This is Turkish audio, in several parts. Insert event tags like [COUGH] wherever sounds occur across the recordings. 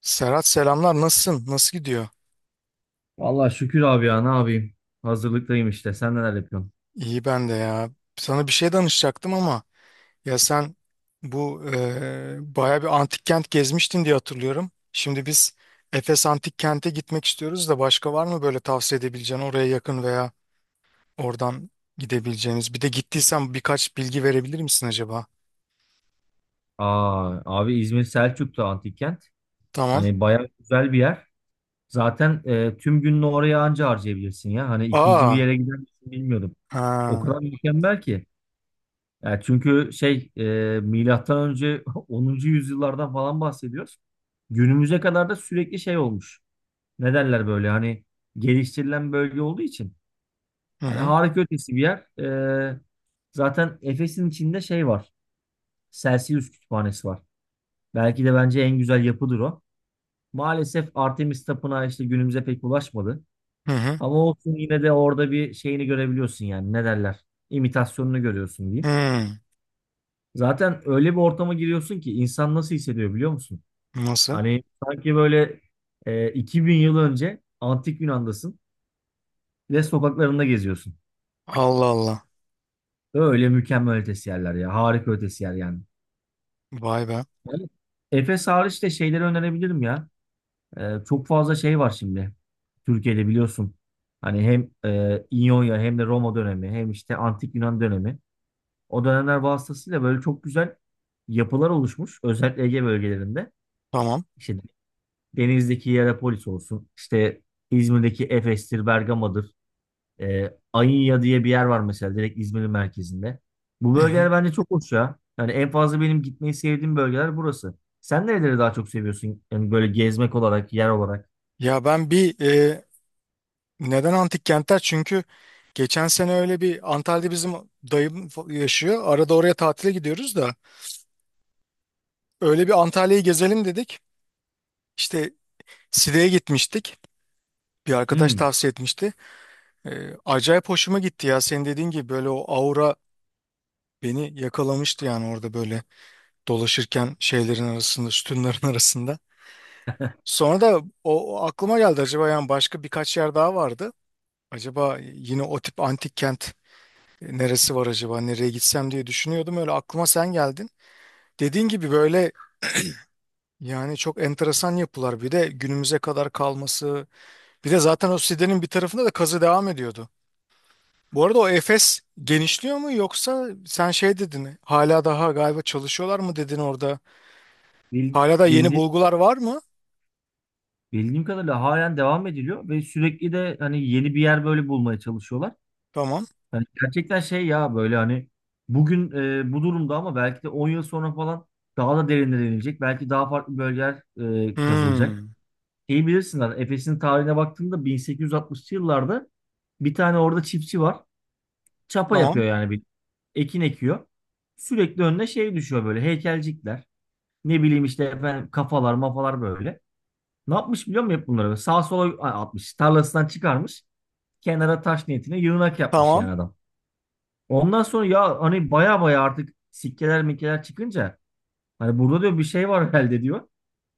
Serhat selamlar nasılsın? Nasıl gidiyor? Vallahi şükür abi ya ne yapayım? Hazırlıktayım işte. Sen neler yapıyorsun? İyi ben de ya. Sana bir şey danışacaktım ama ya sen bu baya bir antik kent gezmiştin diye hatırlıyorum. Şimdi biz Efes Antik Kent'e gitmek istiyoruz da başka var mı böyle tavsiye edebileceğin oraya yakın veya oradan gidebileceğiniz. Bir de gittiysen birkaç bilgi verebilir misin acaba? Aa, abi İzmir Selçuk'ta antik kent. Tamam. Hani bayağı güzel bir yer. Zaten tüm gününü oraya anca harcayabilirsin ya. Hani ikinci bir Aa. yere gider misin bilmiyorum. O Ha. kadar mükemmel ki. Yani çünkü şey milattan önce [LAUGHS] 10. yüzyıllardan falan bahsediyoruz. Günümüze kadar da sürekli şey olmuş. Ne derler böyle hani geliştirilen bölge olduğu için. Hı Hani hı. harika ötesi bir yer. E, zaten Efes'in içinde şey var. Celsius Kütüphanesi var. Belki de bence en güzel yapıdır o. Maalesef Artemis Tapınağı işte günümüze pek ulaşmadı. Hı hı. Ama olsun yine de orada bir şeyini görebiliyorsun yani ne derler? İmitasyonunu görüyorsun diyeyim. Hı. Zaten öyle bir ortama giriyorsun ki insan nasıl hissediyor biliyor musun? Nasıl? Hani sanki böyle 2000 yıl önce antik Yunan'dasın ve sokaklarında geziyorsun. Allah Allah. Öyle mükemmel ötesi yerler ya. Harika ötesi yer yani. Vay be. Yani Efes hariç de şeyleri önerebilirim ya. Çok fazla şey var şimdi. Türkiye'de biliyorsun. Hani hem İonya hem de Roma dönemi hem işte Antik Yunan dönemi. O dönemler vasıtasıyla böyle çok güzel yapılar oluşmuş. Özellikle Ege bölgelerinde. Tamam. İşte Denizli'deki Hierapolis olsun. İşte İzmir'deki Efes'tir, Bergama'dır. Ayınya diye bir yer var mesela direkt İzmir'in merkezinde. Bu Hı hı. bölgeler bence çok hoş ya. Yani en fazla benim gitmeyi sevdiğim bölgeler burası. Sen nereleri daha çok seviyorsun? Yani böyle gezmek olarak, yer olarak. Ya ben bir neden antik kentler? Çünkü geçen sene öyle bir Antalya'da bizim dayım yaşıyor. Arada oraya tatile gidiyoruz da öyle bir Antalya'yı gezelim dedik. İşte Side'ye gitmiştik. Bir arkadaş Hmm. tavsiye etmişti. Acayip hoşuma gitti ya. Senin dediğin gibi böyle o aura beni yakalamıştı yani orada böyle dolaşırken şeylerin arasında, sütunların [LAUGHS] arasında. Sonra da o aklıma geldi acaba yani başka birkaç yer daha vardı. Acaba yine o tip antik kent. Neresi var acaba? Nereye gitsem diye düşünüyordum. Öyle aklıma sen geldin. Dediğin gibi böyle yani çok enteresan yapılar. Bir de günümüze kadar kalması. Bir de zaten o sitenin bir tarafında da kazı devam ediyordu. Bu arada o Efes genişliyor mu yoksa sen şey dedin, hala daha galiba çalışıyorlar mı dedin orada. Bil, Hala da yeni bildi, bulgular var mı? bildiğim kadarıyla halen devam ediliyor ve sürekli de hani yeni bir yer böyle bulmaya çalışıyorlar. Tamam. Hani gerçekten şey ya böyle hani bugün bu durumda ama belki de 10 yıl sonra falan daha da derinlere inilecek. Belki daha farklı bölgeler kazılacak. Hmm. İyi bilirsinler Efes'in tarihine baktığında 1860'lı yıllarda bir tane orada çiftçi var. Çapa Tamam. yapıyor yani bir ekin ekiyor. Sürekli önüne şey düşüyor böyle heykelcikler. Ne bileyim işte efendim kafalar mafalar böyle. Ne yapmış biliyor musun hep bunları? Sağ sola atmış. Tarlasından çıkarmış. Kenara taş niyetine yığınak yapmış Tamam. yani adam. Ondan sonra ya hani baya baya artık sikkeler mikkeler çıkınca hani burada diyor bir şey var herhalde diyor.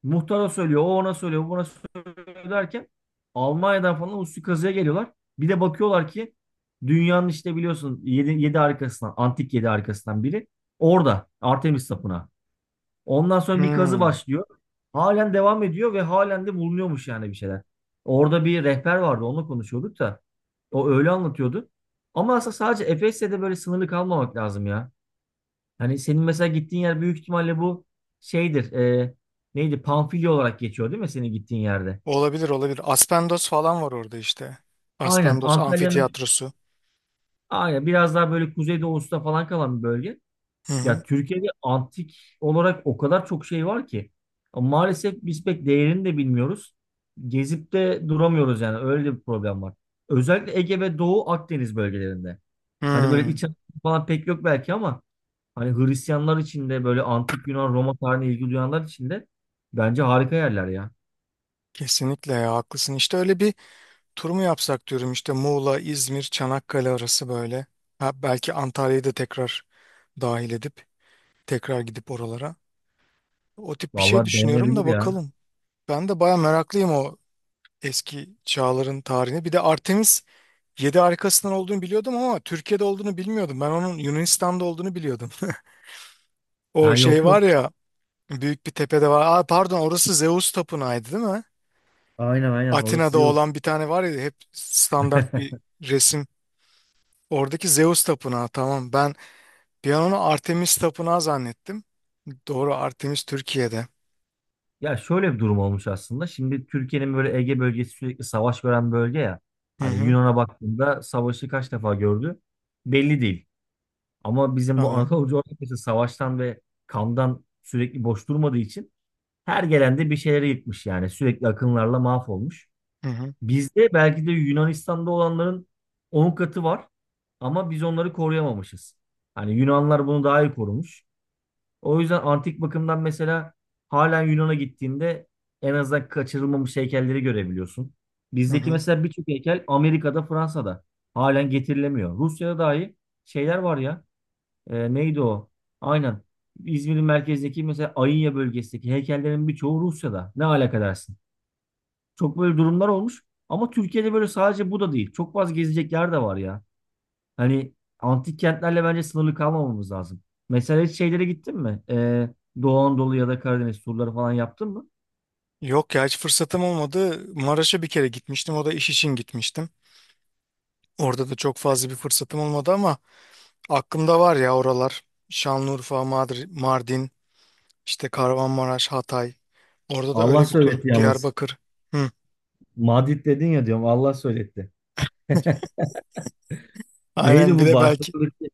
Muhtara söylüyor, o ona söylüyor, bu buna söylüyor derken Almanya'dan falan uslu kazıya geliyorlar. Bir de bakıyorlar ki dünyanın işte biliyorsun 7 7 arkasından, antik 7 arkasından biri orada Artemis Tapınağı. Ondan sonra bir kazı Hmm. başlıyor. Halen devam ediyor ve halen de bulunuyormuş yani bir şeyler. Orada bir rehber vardı, onunla konuşuyorduk da. O öyle anlatıyordu. Ama aslında sadece Efes'te de böyle sınırlı kalmamak lazım ya. Hani senin mesela gittiğin yer büyük ihtimalle bu şeydir. Neydi? Pamfilya olarak geçiyor değil mi senin gittiğin yerde? Olabilir olabilir. Aspendos falan var orada işte. Aynen. Aspendos Antalya'nın amfitiyatrosu. aynen biraz daha böyle kuzeydoğusunda falan kalan bir bölge. Hı hı. Ya Türkiye'de antik olarak o kadar çok şey var ki. Ama maalesef biz pek değerini de bilmiyoruz. Gezip de duramıyoruz yani öyle de bir problem var. Özellikle Ege ve Doğu Akdeniz bölgelerinde. Hani böyle Hmm. iç Anadolu falan pek yok belki ama hani Hristiyanlar için de böyle antik Yunan Roma tarihine ilgi duyanlar için de bence harika yerler ya. Kesinlikle ya, haklısın. İşte öyle bir tur mu yapsak diyorum işte, Muğla, İzmir, Çanakkale arası böyle. Ha, belki Antalya'yı da tekrar dahil edip tekrar gidip oralara. O tip bir şey Vallahi düşünüyorum da denenebilir ya. bakalım. Ben de baya meraklıyım o eski çağların tarihine. Bir de Artemis 7 harikasından olduğunu biliyordum ama Türkiye'de olduğunu bilmiyordum. Ben onun Yunanistan'da olduğunu biliyordum. [LAUGHS] O Ha yok şey yok. var ya, büyük bir tepede var. Aa, pardon, orası Zeus Tapınağı'ydı değil mi? Aynen aynen orası Atina'da iyi olsun. olan bir tane var ya, hep standart bir resim. Oradaki Zeus tapınağı, tamam. Ben bir an onu Artemis tapınağı zannettim. Doğru, Artemis Türkiye'de. Ya şöyle bir durum olmuş aslında. Şimdi Türkiye'nin böyle Ege bölgesi sürekli savaş gören bölge ya. Hı Hani hı. Yunan'a baktığında savaşı kaç defa gördü belli değil. Ama bizim bu Tabii. Anadolu coğrafyası savaştan ve kandan sürekli boş durmadığı için her gelende bir şeyleri yıkmış yani. Sürekli akınlarla mahvolmuş. Hı hı. Bizde belki de Yunanistan'da olanların 10 katı var ama biz onları koruyamamışız. Hani Yunanlar bunu daha iyi korumuş. O yüzden antik bakımdan mesela halen Yunan'a gittiğinde en azından kaçırılmamış heykelleri görebiliyorsun. Hı Bizdeki hı. mesela birçok heykel Amerika'da, Fransa'da halen getirilemiyor. Rusya'da dahi şeyler var ya. Neydi o? Aynen. İzmir'in merkezdeki mesela Ayınya bölgesindeki heykellerin birçoğu Rusya'da. Ne alaka dersin? Çok böyle durumlar olmuş. Ama Türkiye'de böyle sadece bu da değil. Çok fazla gezecek yer de var ya. Hani antik kentlerle bence sınırlı kalmamamız lazım. Mesela hiç şeylere gittin mi? Doğu Anadolu ya da Karadeniz turları falan yaptın mı? Yok ya, hiç fırsatım olmadı. Maraş'a bir kere gitmiştim. O da iş için gitmiştim. Orada da çok fazla bir fırsatım olmadı ama aklımda var ya oralar. Şanlıurfa, Mardin, işte Kahramanmaraş, Hatay. Orada da Allah öyle bir tur. söyletti yalnız. Diyarbakır. Hı. Madrid dedin ya diyorum Allah söyletti. [LAUGHS] Neydi Aynen, bir bu de belki. Barça'daki?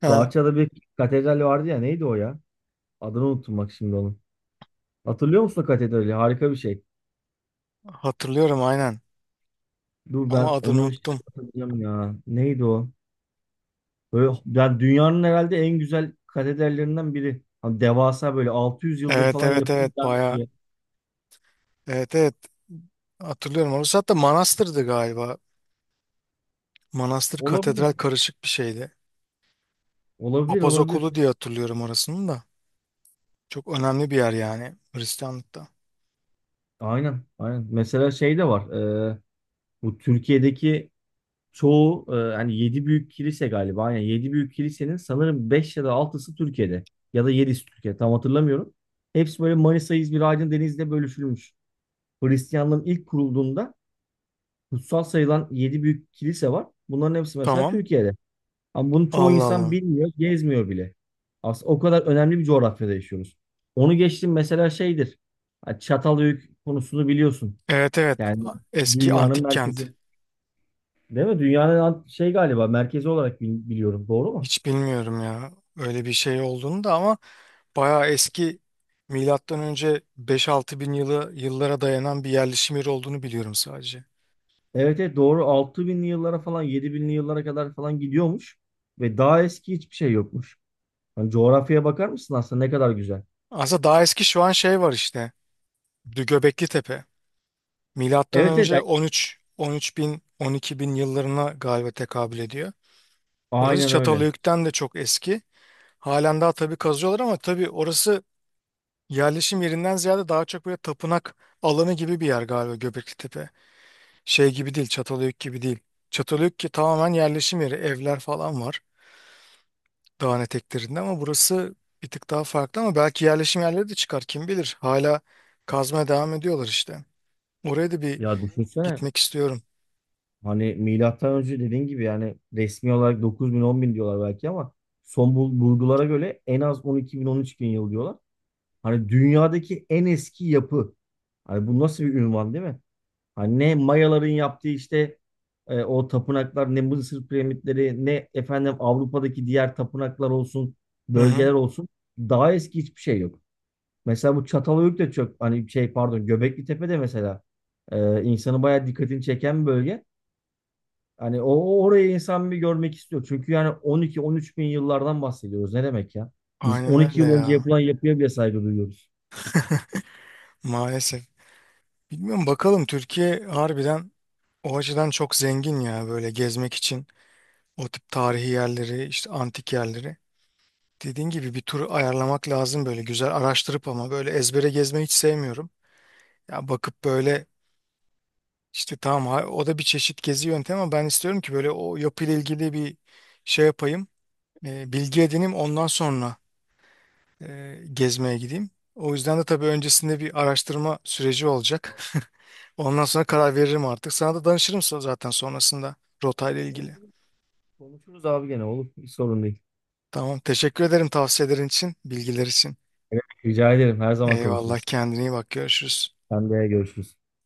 Ha, Barça'da bir katedral vardı ya neydi o ya? Adını unuttum bak şimdi onun. Hatırlıyor musun o katedrali? Harika bir şey. hatırlıyorum aynen. Dur Ama ben adını onu şimdi unuttum. hatırlayacağım ya. Neydi o? Böyle, yani dünyanın herhalde en güzel katedrallerinden biri. Hani devasa böyle 600 yıldır Evet falan evet yapılmış, evet, devam bayağı. ediyor. Evet evet, hatırlıyorum orası, hatta manastırdı galiba. Manastır katedral Olabilir. karışık bir şeydi. Olabilir Papaz olabilir. okulu diye hatırlıyorum orasını da. Çok önemli bir yer yani Hristiyanlıkta. Aynen aynen. Mesela şey de var. e, bu Türkiye'deki çoğu hani 7 büyük kilise galiba. Aynen 7 büyük kilisenin sanırım 5 ya da altısı Türkiye'de. Ya da 7'si Türkiye tam hatırlamıyorum. Hepsi böyle Manisa, İzmir, Aydın, Denizli'de bölüşülmüş. Hristiyanlığın ilk kurulduğunda kutsal sayılan 7 büyük kilise var. Bunların hepsi mesela Tamam. Türkiye'de. Ama bunu çoğu Allah insan Allah. bilmiyor, gezmiyor bile. Aslında o kadar önemli bir coğrafyada yaşıyoruz. Onu geçtim mesela şeydir. Ha, Çatalhöyük konusunu biliyorsun. Evet evet. Yani Eski dünyanın antik kent. merkezi. Değil mi? Dünyanın şey galiba merkezi olarak biliyorum. Doğru mu? Hiç bilmiyorum ya. Öyle bir şey olduğunu da, ama bayağı eski, milattan önce beş altı bin yıllara dayanan bir yerleşim yeri olduğunu biliyorum sadece. Evet evet doğru. 6000'li yıllara falan 7000'li yıllara kadar falan gidiyormuş. Ve daha eski hiçbir şey yokmuş. Hani coğrafyaya bakar mısın aslında ne kadar güzel. Aslında daha eski şu an şey var işte. Göbekli Tepe. Milattan Evet evet önce yani 13 bin 12 bin yıllarına galiba tekabül ediyor. Orası aynen öyle. Çatalhöyük'ten de çok eski. Halen daha tabii kazıyorlar ama tabii orası yerleşim yerinden ziyade daha çok böyle tapınak alanı gibi bir yer galiba, Göbeklitepe. Şey gibi değil, Çatalhöyük gibi değil. Çatalhöyük ki tamamen yerleşim yeri, evler falan var dağın eteklerinde, ama burası bir tık daha farklı ama belki yerleşim yerleri de çıkar kim bilir. Hala kazmaya devam ediyorlar işte. Oraya da bir Ya düşünsene gitmek istiyorum. hani milattan önce dediğin gibi yani resmi olarak dokuz bin on bin diyorlar belki ama son bulgulara göre en az on on iki bin on üç bin yıl diyorlar. Hani dünyadaki en eski yapı. Hani bu nasıl bir ünvan değil mi? Hani ne Mayaların yaptığı işte o tapınaklar ne Mısır piramitleri ne efendim Avrupa'daki diğer tapınaklar olsun Hı hı. bölgeler olsun daha eski hiçbir şey yok. Mesela bu Çatalhöyük de çok hani şey pardon Göbekli Tepe'de mesela insanı bayağı dikkatini çeken bir bölge. Hani o orayı insan bir görmek istiyor. Çünkü yani 12-13 bin yıllardan bahsediyoruz. Ne demek ya? Biz Aynen 12 öyle yıl önce ya. yapılan yapıya bile saygı duyuyoruz. Maalesef. Bilmiyorum bakalım, Türkiye harbiden o açıdan çok zengin ya böyle gezmek için, o tip tarihi yerleri, işte antik yerleri. Dediğin gibi bir tur ayarlamak lazım böyle güzel araştırıp, ama böyle ezbere gezmeyi hiç sevmiyorum. Ya bakıp böyle işte tamam, o da bir çeşit gezi yöntemi ama ben istiyorum ki böyle o yapıyla ilgili bir şey yapayım. Bilgi edineyim, ondan sonra gezmeye gideyim. O yüzden de tabii öncesinde bir araştırma süreci olacak. [LAUGHS] Ondan sonra karar veririm artık. Sana da danışırım zaten sonrasında, rotayla ilgili. Olur, konuşuruz abi gene olur. Hiç sorun değil. Tamam. Teşekkür ederim tavsiyelerin için, bilgiler için. Evet, rica ederim. Her zaman Eyvallah. konuşuruz. Kendine iyi bak. Görüşürüz. Sen de görüşürüz.